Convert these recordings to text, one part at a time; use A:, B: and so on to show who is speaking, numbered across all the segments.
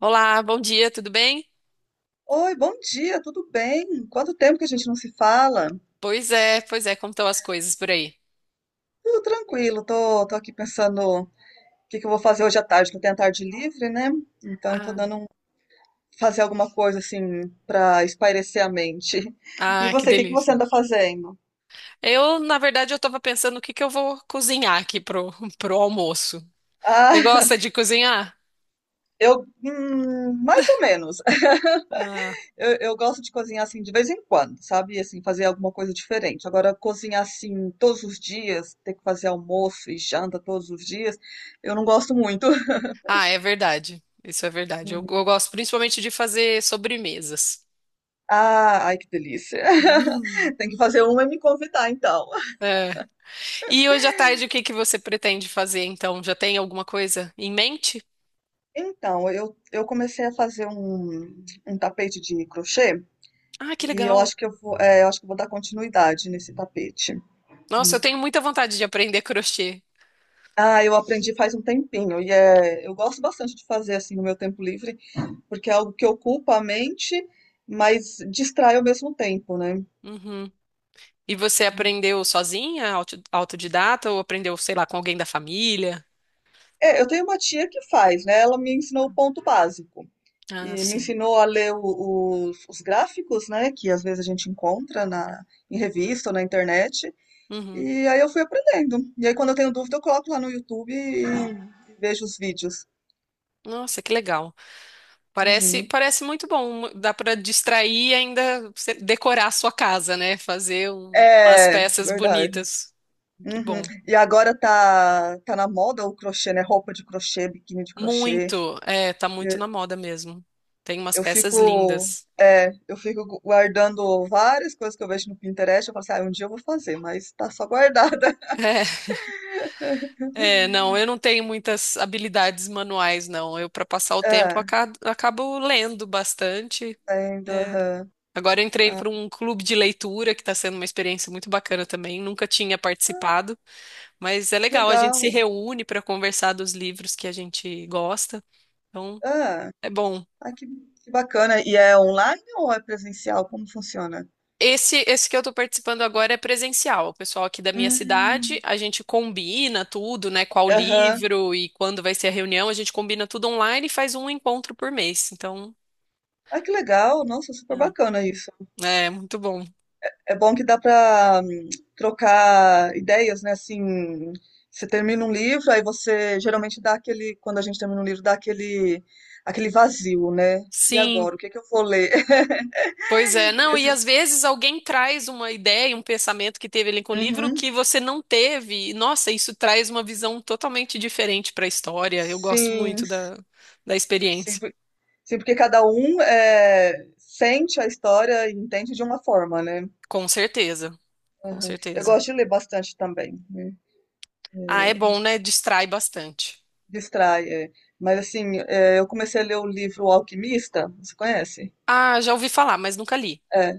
A: Olá, bom dia, tudo bem?
B: Oi, bom dia, tudo bem? Quanto tempo que a gente não se fala?
A: Pois é, como estão as coisas por aí?
B: Tudo tranquilo, tô aqui pensando o que que eu vou fazer hoje à tarde, que eu tenho a tarde livre, né? Então eu tô
A: Ah,
B: dando um, fazer alguma coisa assim para espairecer a mente. E
A: ah, que
B: você, o que que você
A: delícia.
B: anda fazendo?
A: Eu, na verdade, eu tava pensando o que que eu vou cozinhar aqui pro, pro almoço. Você
B: Ah,
A: gosta de cozinhar?
B: eu, mais ou menos.
A: Ah,
B: Eu gosto de cozinhar assim de vez em quando, sabe? Assim, fazer alguma coisa diferente. Agora, cozinhar assim todos os dias, ter que fazer almoço e janta todos os dias, eu não gosto muito.
A: ah, é verdade. Isso é verdade. Eu gosto principalmente de fazer sobremesas.
B: Ah, ai que delícia.
A: Hum.
B: Tem que fazer uma e me convidar, então.
A: É. E hoje à tarde, o que que você pretende fazer, então? Já tem alguma coisa em mente?
B: Então, eu comecei a fazer um, tapete de crochê
A: Ah, que
B: e
A: legal.
B: eu acho que eu vou dar continuidade nesse tapete.
A: Nossa, eu
B: Hum.
A: tenho muita vontade de aprender crochê.
B: Ah, eu aprendi faz um tempinho e eu gosto bastante de fazer assim no meu tempo livre, porque é algo que ocupa a mente, mas distrai ao mesmo tempo, né?
A: Uhum. E você aprendeu sozinha, autodidata, ou aprendeu, sei lá, com alguém da família?
B: É, eu tenho uma tia que faz, né? Ela me ensinou o ponto básico.
A: Ah,
B: E me
A: sim.
B: ensinou a ler os gráficos, né, que às vezes a gente encontra em revista ou na internet,
A: Uhum.
B: e aí eu fui aprendendo. E aí quando eu tenho dúvida eu coloco lá no YouTube e vejo os vídeos.
A: Nossa, que legal. Parece,
B: Uhum.
A: parece muito bom. Dá para distrair e ainda você decorar a sua casa, né? Fazer umas
B: É,
A: peças
B: verdade.
A: bonitas. Que
B: Uhum.
A: bom.
B: E agora tá, na moda o crochê, né, roupa de crochê, biquíni de crochê.
A: Muito. É, tá muito
B: Eu,
A: na moda mesmo. Tem umas
B: eu
A: peças
B: fico...
A: lindas.
B: É, eu fico guardando várias coisas que eu vejo no Pinterest. Eu falo assim, ah, um dia eu vou fazer, mas tá só guardada.
A: É, não, eu não tenho muitas habilidades manuais, não. Eu, para passar o
B: É,
A: tempo, acabo lendo bastante.
B: ainda,
A: É,
B: aham.
A: agora eu entrei para um clube de leitura, que está sendo uma experiência muito bacana também. Nunca tinha participado, mas é legal. A gente se
B: Legal.
A: reúne para conversar dos livros que a gente gosta. Então,
B: Ah,
A: é bom.
B: ah, que bacana. E é online ou é presencial? Como funciona?
A: Esse que eu estou participando agora é presencial. O pessoal aqui da minha cidade,
B: Hum,
A: a gente combina tudo, né? Qual
B: aham.
A: livro e quando vai ser a reunião. A gente combina tudo online e faz um encontro por mês. Então,
B: Ah, que legal. Nossa, super bacana isso.
A: é é muito bom.
B: É bom que dá para trocar ideias, né? Assim, você termina um livro, aí você geralmente dá aquele, quando a gente termina um livro, dá aquele vazio, né? E
A: Sim.
B: agora, o que é que eu vou ler?
A: Pois é,
B: E
A: não, e
B: esse-
A: às vezes alguém traz uma ideia, um pensamento que teve ali com o livro que
B: Uhum.
A: você não teve. E, nossa, isso traz uma visão totalmente diferente para a história. Eu gosto
B: Sim,
A: muito da, da
B: sim.
A: experiência.
B: Sim, porque cada um sente a história e entende de uma forma, né?
A: Com certeza, com
B: Aham. Eu
A: certeza.
B: gosto de ler bastante também, né?
A: Ah, é
B: É,
A: bom, né? Distrai bastante.
B: distrai, é. Mas assim, eu comecei a ler o livro O Alquimista, você conhece?
A: Ah, já ouvi falar, mas nunca li.
B: É,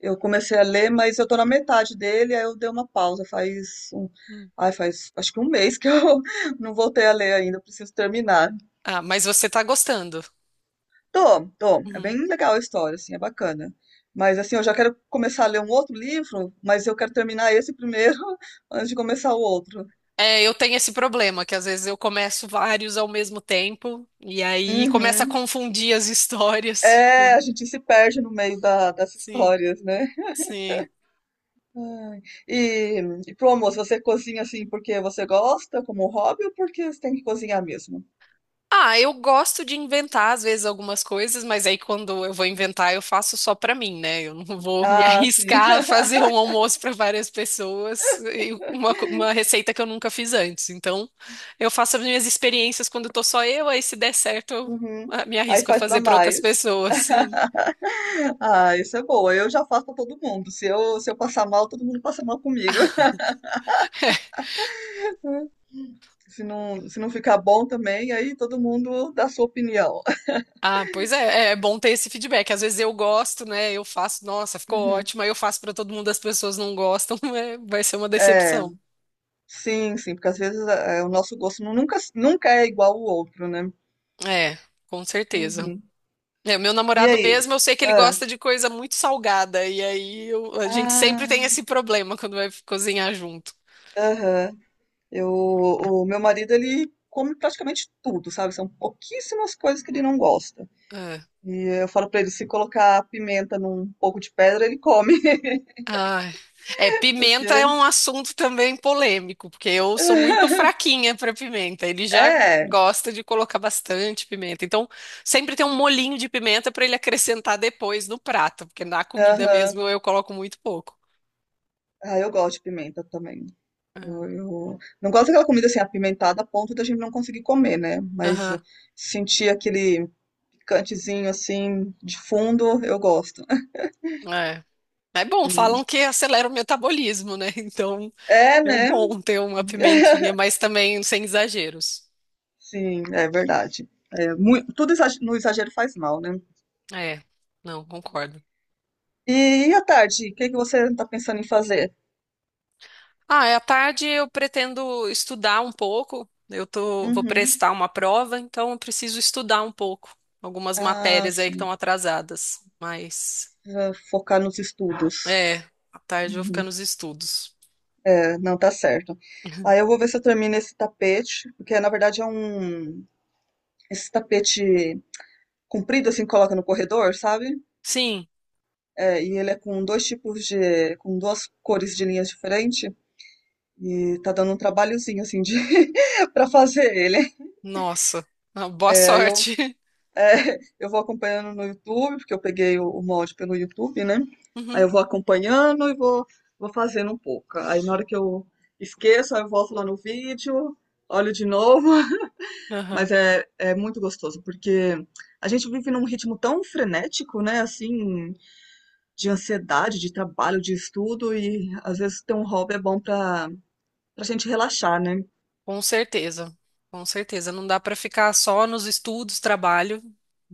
B: eu comecei a ler, mas eu tô na metade dele, aí eu dei uma pausa,
A: Hum.
B: faz acho que um mês que eu não voltei a ler ainda, eu preciso terminar.
A: Ah, mas você tá gostando.
B: Tô. É
A: Uhum.
B: bem legal a história, assim, é bacana. Mas, assim, eu já quero começar a ler um outro livro, mas eu quero terminar esse primeiro antes de começar o outro.
A: É, eu tenho esse problema, que às vezes eu começo vários ao mesmo tempo e aí começa a
B: Uhum.
A: confundir as histórias.
B: É, a gente se perde no meio das
A: Sim,
B: histórias, né?
A: sim.
B: Ai. E, e pro almoço, você cozinha, assim, porque você gosta, como hobby, ou porque você tem que cozinhar mesmo?
A: Ah, eu gosto de inventar às vezes algumas coisas, mas aí quando eu vou inventar, eu faço só pra mim, né? Eu não vou me
B: Ah, sim.
A: arriscar a fazer um almoço pra várias pessoas e uma, uma receita que eu nunca fiz antes. Então, eu faço as minhas experiências quando tô só eu, aí se der certo, eu
B: Uhum.
A: me
B: Aí
A: arrisco a
B: faz pra
A: fazer pra outras
B: mais.
A: pessoas, sim.
B: Ah, isso é boa. Eu já faço pra todo mundo. Se eu passar mal, todo mundo passa mal comigo. Se não ficar bom também, aí todo mundo dá sua opinião.
A: Ah, pois é, é bom ter esse feedback. Às vezes eu gosto, né? Eu faço, nossa, ficou
B: Uhum.
A: ótimo, aí eu faço pra todo mundo, as pessoas não gostam, é, vai ser uma
B: É,
A: decepção.
B: sim, sim, porque às vezes o nosso gosto nunca é igual ao outro, né?
A: É, com certeza.
B: Uhum.
A: É, meu
B: E
A: namorado
B: aí?
A: mesmo, eu sei que ele
B: Ah,
A: gosta de coisa muito salgada, e aí a gente sempre
B: ah,
A: tem esse problema quando vai cozinhar junto.
B: aham. O meu marido, ele come praticamente tudo, sabe? São pouquíssimas coisas que ele não gosta.
A: É.
B: E eu falo pra ele, se colocar pimenta num pouco de pedra, ele come,
A: Ai. É, pimenta é
B: porque...
A: um assunto também polêmico, porque eu sou muito fraquinha para pimenta. Ele já
B: É,
A: gosta de colocar bastante pimenta. Então, sempre tem um molinho de pimenta para ele acrescentar depois no prato, porque na comida
B: aham.
A: mesmo eu coloco muito pouco.
B: Ah, eu gosto de pimenta também. Eu,
A: Ah,
B: eu não gosto daquela comida assim apimentada a ponto da gente não conseguir comer, né? Mas
A: aham.
B: sentir aquele picantezinho assim de fundo, eu gosto.
A: É. É bom,
B: Uhum.
A: falam que acelera o metabolismo, né? Então.
B: É,
A: É
B: né?
A: bom ter uma pimentinha, mas também sem exageros.
B: Sim, é verdade. É, no exagero faz mal, né?
A: É, não, concordo.
B: E à tarde, o que que você está pensando em fazer?
A: Ah, é, à tarde eu pretendo estudar um pouco. Eu tô, vou
B: Uhum.
A: prestar uma prova, então eu preciso estudar um pouco. Algumas
B: Ah,
A: matérias aí que estão
B: sim.
A: atrasadas. Mas,
B: Ah, focar nos estudos.
A: é, à tarde eu vou ficar
B: Uhum.
A: nos estudos.
B: Não, tá certo. Aí eu vou ver se eu termino esse tapete, porque na verdade é um. Esse tapete comprido, assim, que coloca no corredor, sabe?
A: Sim,
B: É, e ele é com dois tipos de, com duas cores de linhas diferentes. E tá dando um trabalhozinho, assim, de... pra fazer ele.
A: nossa. Ah, boa
B: É,
A: sorte.
B: eu vou acompanhando no YouTube, porque eu peguei o molde pelo YouTube, né? Aí
A: Uhum,
B: eu vou acompanhando e vou fazendo um pouco. Aí na hora que eu esqueço, aí eu volto lá no vídeo, olho de novo.
A: aham.
B: Mas é muito gostoso, porque a gente vive num ritmo tão frenético, né? Assim, de ansiedade, de trabalho, de estudo, e às vezes ter um hobby é bom pra, gente relaxar, né?
A: Com certeza, com certeza. Não dá para ficar só nos estudos, trabalho.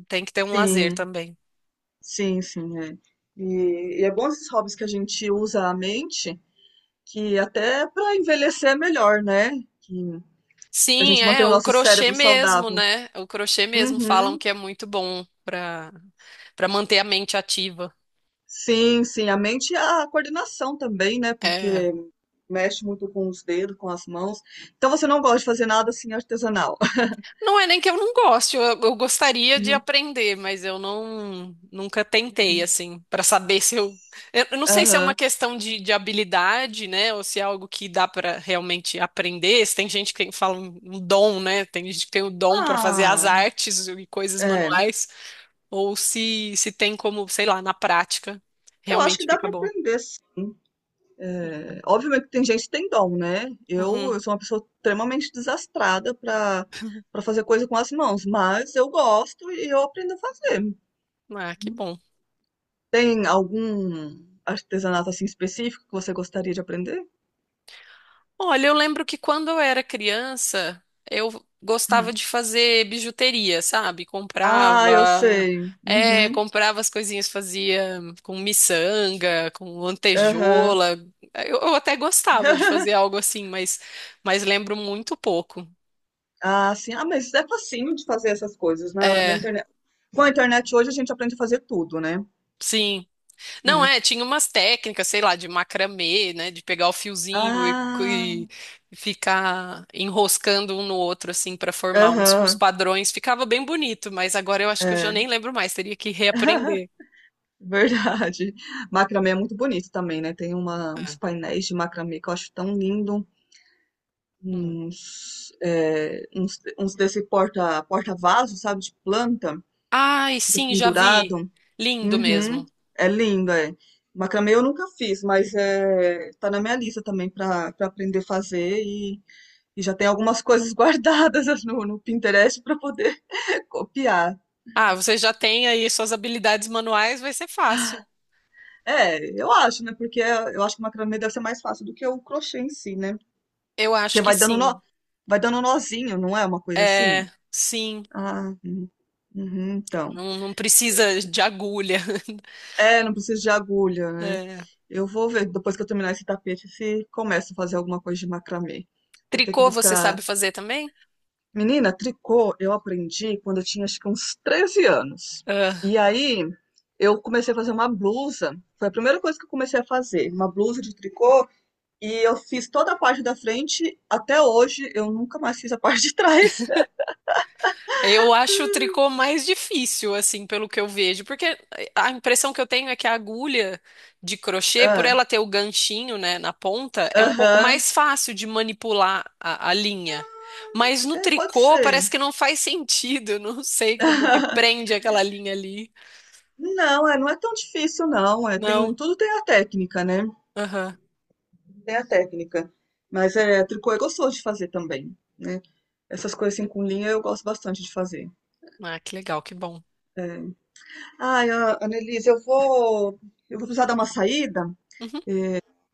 A: Tem que ter um lazer
B: Sim,
A: também.
B: sim, sim, é. E é bom esses hobbies que a gente usa a mente, que até pra envelhecer é melhor, né? Que a
A: Sim,
B: gente
A: é,
B: mantém o
A: o
B: nosso
A: crochê
B: cérebro
A: mesmo,
B: saudável.
A: né? O crochê mesmo falam
B: Uhum.
A: que é muito bom para para manter a mente ativa.
B: Sim, sim, a mente e a coordenação também, né?
A: É.
B: Porque mexe muito com os dedos, com as mãos. Então você não gosta de fazer nada assim artesanal.
A: Não é nem que eu não goste, eu gostaria de aprender, mas eu não nunca tentei
B: Uhum.
A: assim para saber se eu, eu não sei se é uma
B: Aham.
A: questão de habilidade, né, ou se é algo que dá para realmente aprender. Se tem gente que fala um um dom, né? Tem gente que tem o dom para fazer as
B: Ah,
A: artes e coisas
B: é.
A: manuais, ou se se tem como, sei lá, na prática
B: Eu acho que
A: realmente
B: dá
A: fica
B: para
A: bom.
B: aprender, sim. É, obviamente que tem gente que tem dom, né? Eu,
A: Uhum.
B: eu sou uma pessoa extremamente desastrada para fazer coisa com as mãos, mas eu gosto e eu aprendo a fazer.
A: Ah, que bom.
B: Tem algum artesanato assim específico que você gostaria de aprender?
A: Olha, eu lembro que quando eu era criança, eu gostava
B: Hum.
A: de fazer bijuteria, sabe?
B: Ah, eu
A: Comprava,
B: sei.
A: é,
B: Uhum.
A: comprava as coisinhas, fazia com miçanga, com
B: Aham.
A: lantejola. Eu até gostava de fazer algo assim, mas lembro muito pouco.
B: Ah, sim. Ah, mas é facinho de fazer essas coisas na
A: É,
B: internet. Com a internet hoje a gente aprende a fazer tudo, né?
A: sim. Não é,
B: É.
A: tinha umas técnicas, sei lá, de macramê, né, de pegar o fiozinho
B: Ah,
A: e ficar enroscando um no outro assim para formar uns, uns
B: aham,
A: padrões. Ficava bem bonito, mas agora eu acho que eu já
B: é.
A: nem lembro mais, teria que reaprender.
B: Verdade. Macramê é muito bonito também, né? Tem uma, uns
A: É.
B: painéis de macramê que eu acho tão lindo.
A: Hum.
B: Uns desse porta-vaso, sabe? De planta,
A: Ai,
B: que fica
A: sim, já vi.
B: pendurado.
A: Lindo
B: Uhum.
A: mesmo.
B: É lindo, é. Macramê eu nunca fiz, mas tá na minha lista também para aprender a fazer. E já tem algumas coisas guardadas no Pinterest para poder copiar.
A: Ah, você já tem aí suas habilidades manuais, vai ser fácil.
B: É, eu acho, né? Porque eu acho que o macramê deve ser mais fácil do que o crochê em si, né?
A: Eu acho
B: Porque
A: que
B: vai dando nó,
A: sim.
B: vai dando nozinho, não é uma coisa assim?
A: É, sim.
B: Ah, uhum, uhum, então.
A: Não, não precisa de agulha.
B: É, não precisa de agulha, né?
A: É.
B: Eu vou ver depois que eu terminar esse tapete se começo a fazer alguma coisa de macramê. Vou ter que
A: Tricô você
B: buscar.
A: sabe fazer também?
B: Menina, tricô eu aprendi quando eu tinha acho que uns 13 anos. E aí eu comecei a fazer uma blusa. Foi a primeira coisa que eu comecei a fazer, uma blusa de tricô. E eu fiz toda a parte da frente. Até hoje eu nunca mais fiz a parte de trás.
A: Eu acho o tricô mais difícil, assim, pelo que eu vejo, porque a impressão que eu tenho é que a agulha de crochê, por
B: Ah,
A: ela ter o ganchinho, né, na ponta, é um pouco
B: aham.
A: mais fácil de manipular a linha. Mas no
B: É, pode
A: tricô
B: ser.
A: parece que não faz sentido, eu não sei como que prende aquela linha ali.
B: Não, não é tão difícil, não. É,
A: Não.
B: tudo tem a técnica, né?
A: Aham.
B: Tem a técnica. Mas tricô é gostoso de fazer também, né? Essas coisas assim com linha eu gosto bastante de fazer.
A: Ah, que legal, que bom.
B: É. Ai, Annelise, eu vou precisar dar uma saída,
A: Uhum.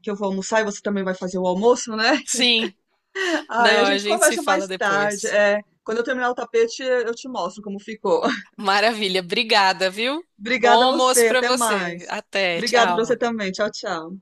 B: que eu vou almoçar e você também vai fazer o almoço, né?
A: Sim.
B: Ai, a
A: Não, a
B: gente
A: gente se
B: conversa
A: fala
B: mais tarde.
A: depois.
B: É, quando eu terminar o tapete, eu te mostro como ficou.
A: Maravilha, obrigada, viu? Bom
B: Obrigada a
A: almoço
B: você,
A: pra
B: até
A: você.
B: mais.
A: Até,
B: Obrigada pra você
A: tchau.
B: também. Tchau, tchau.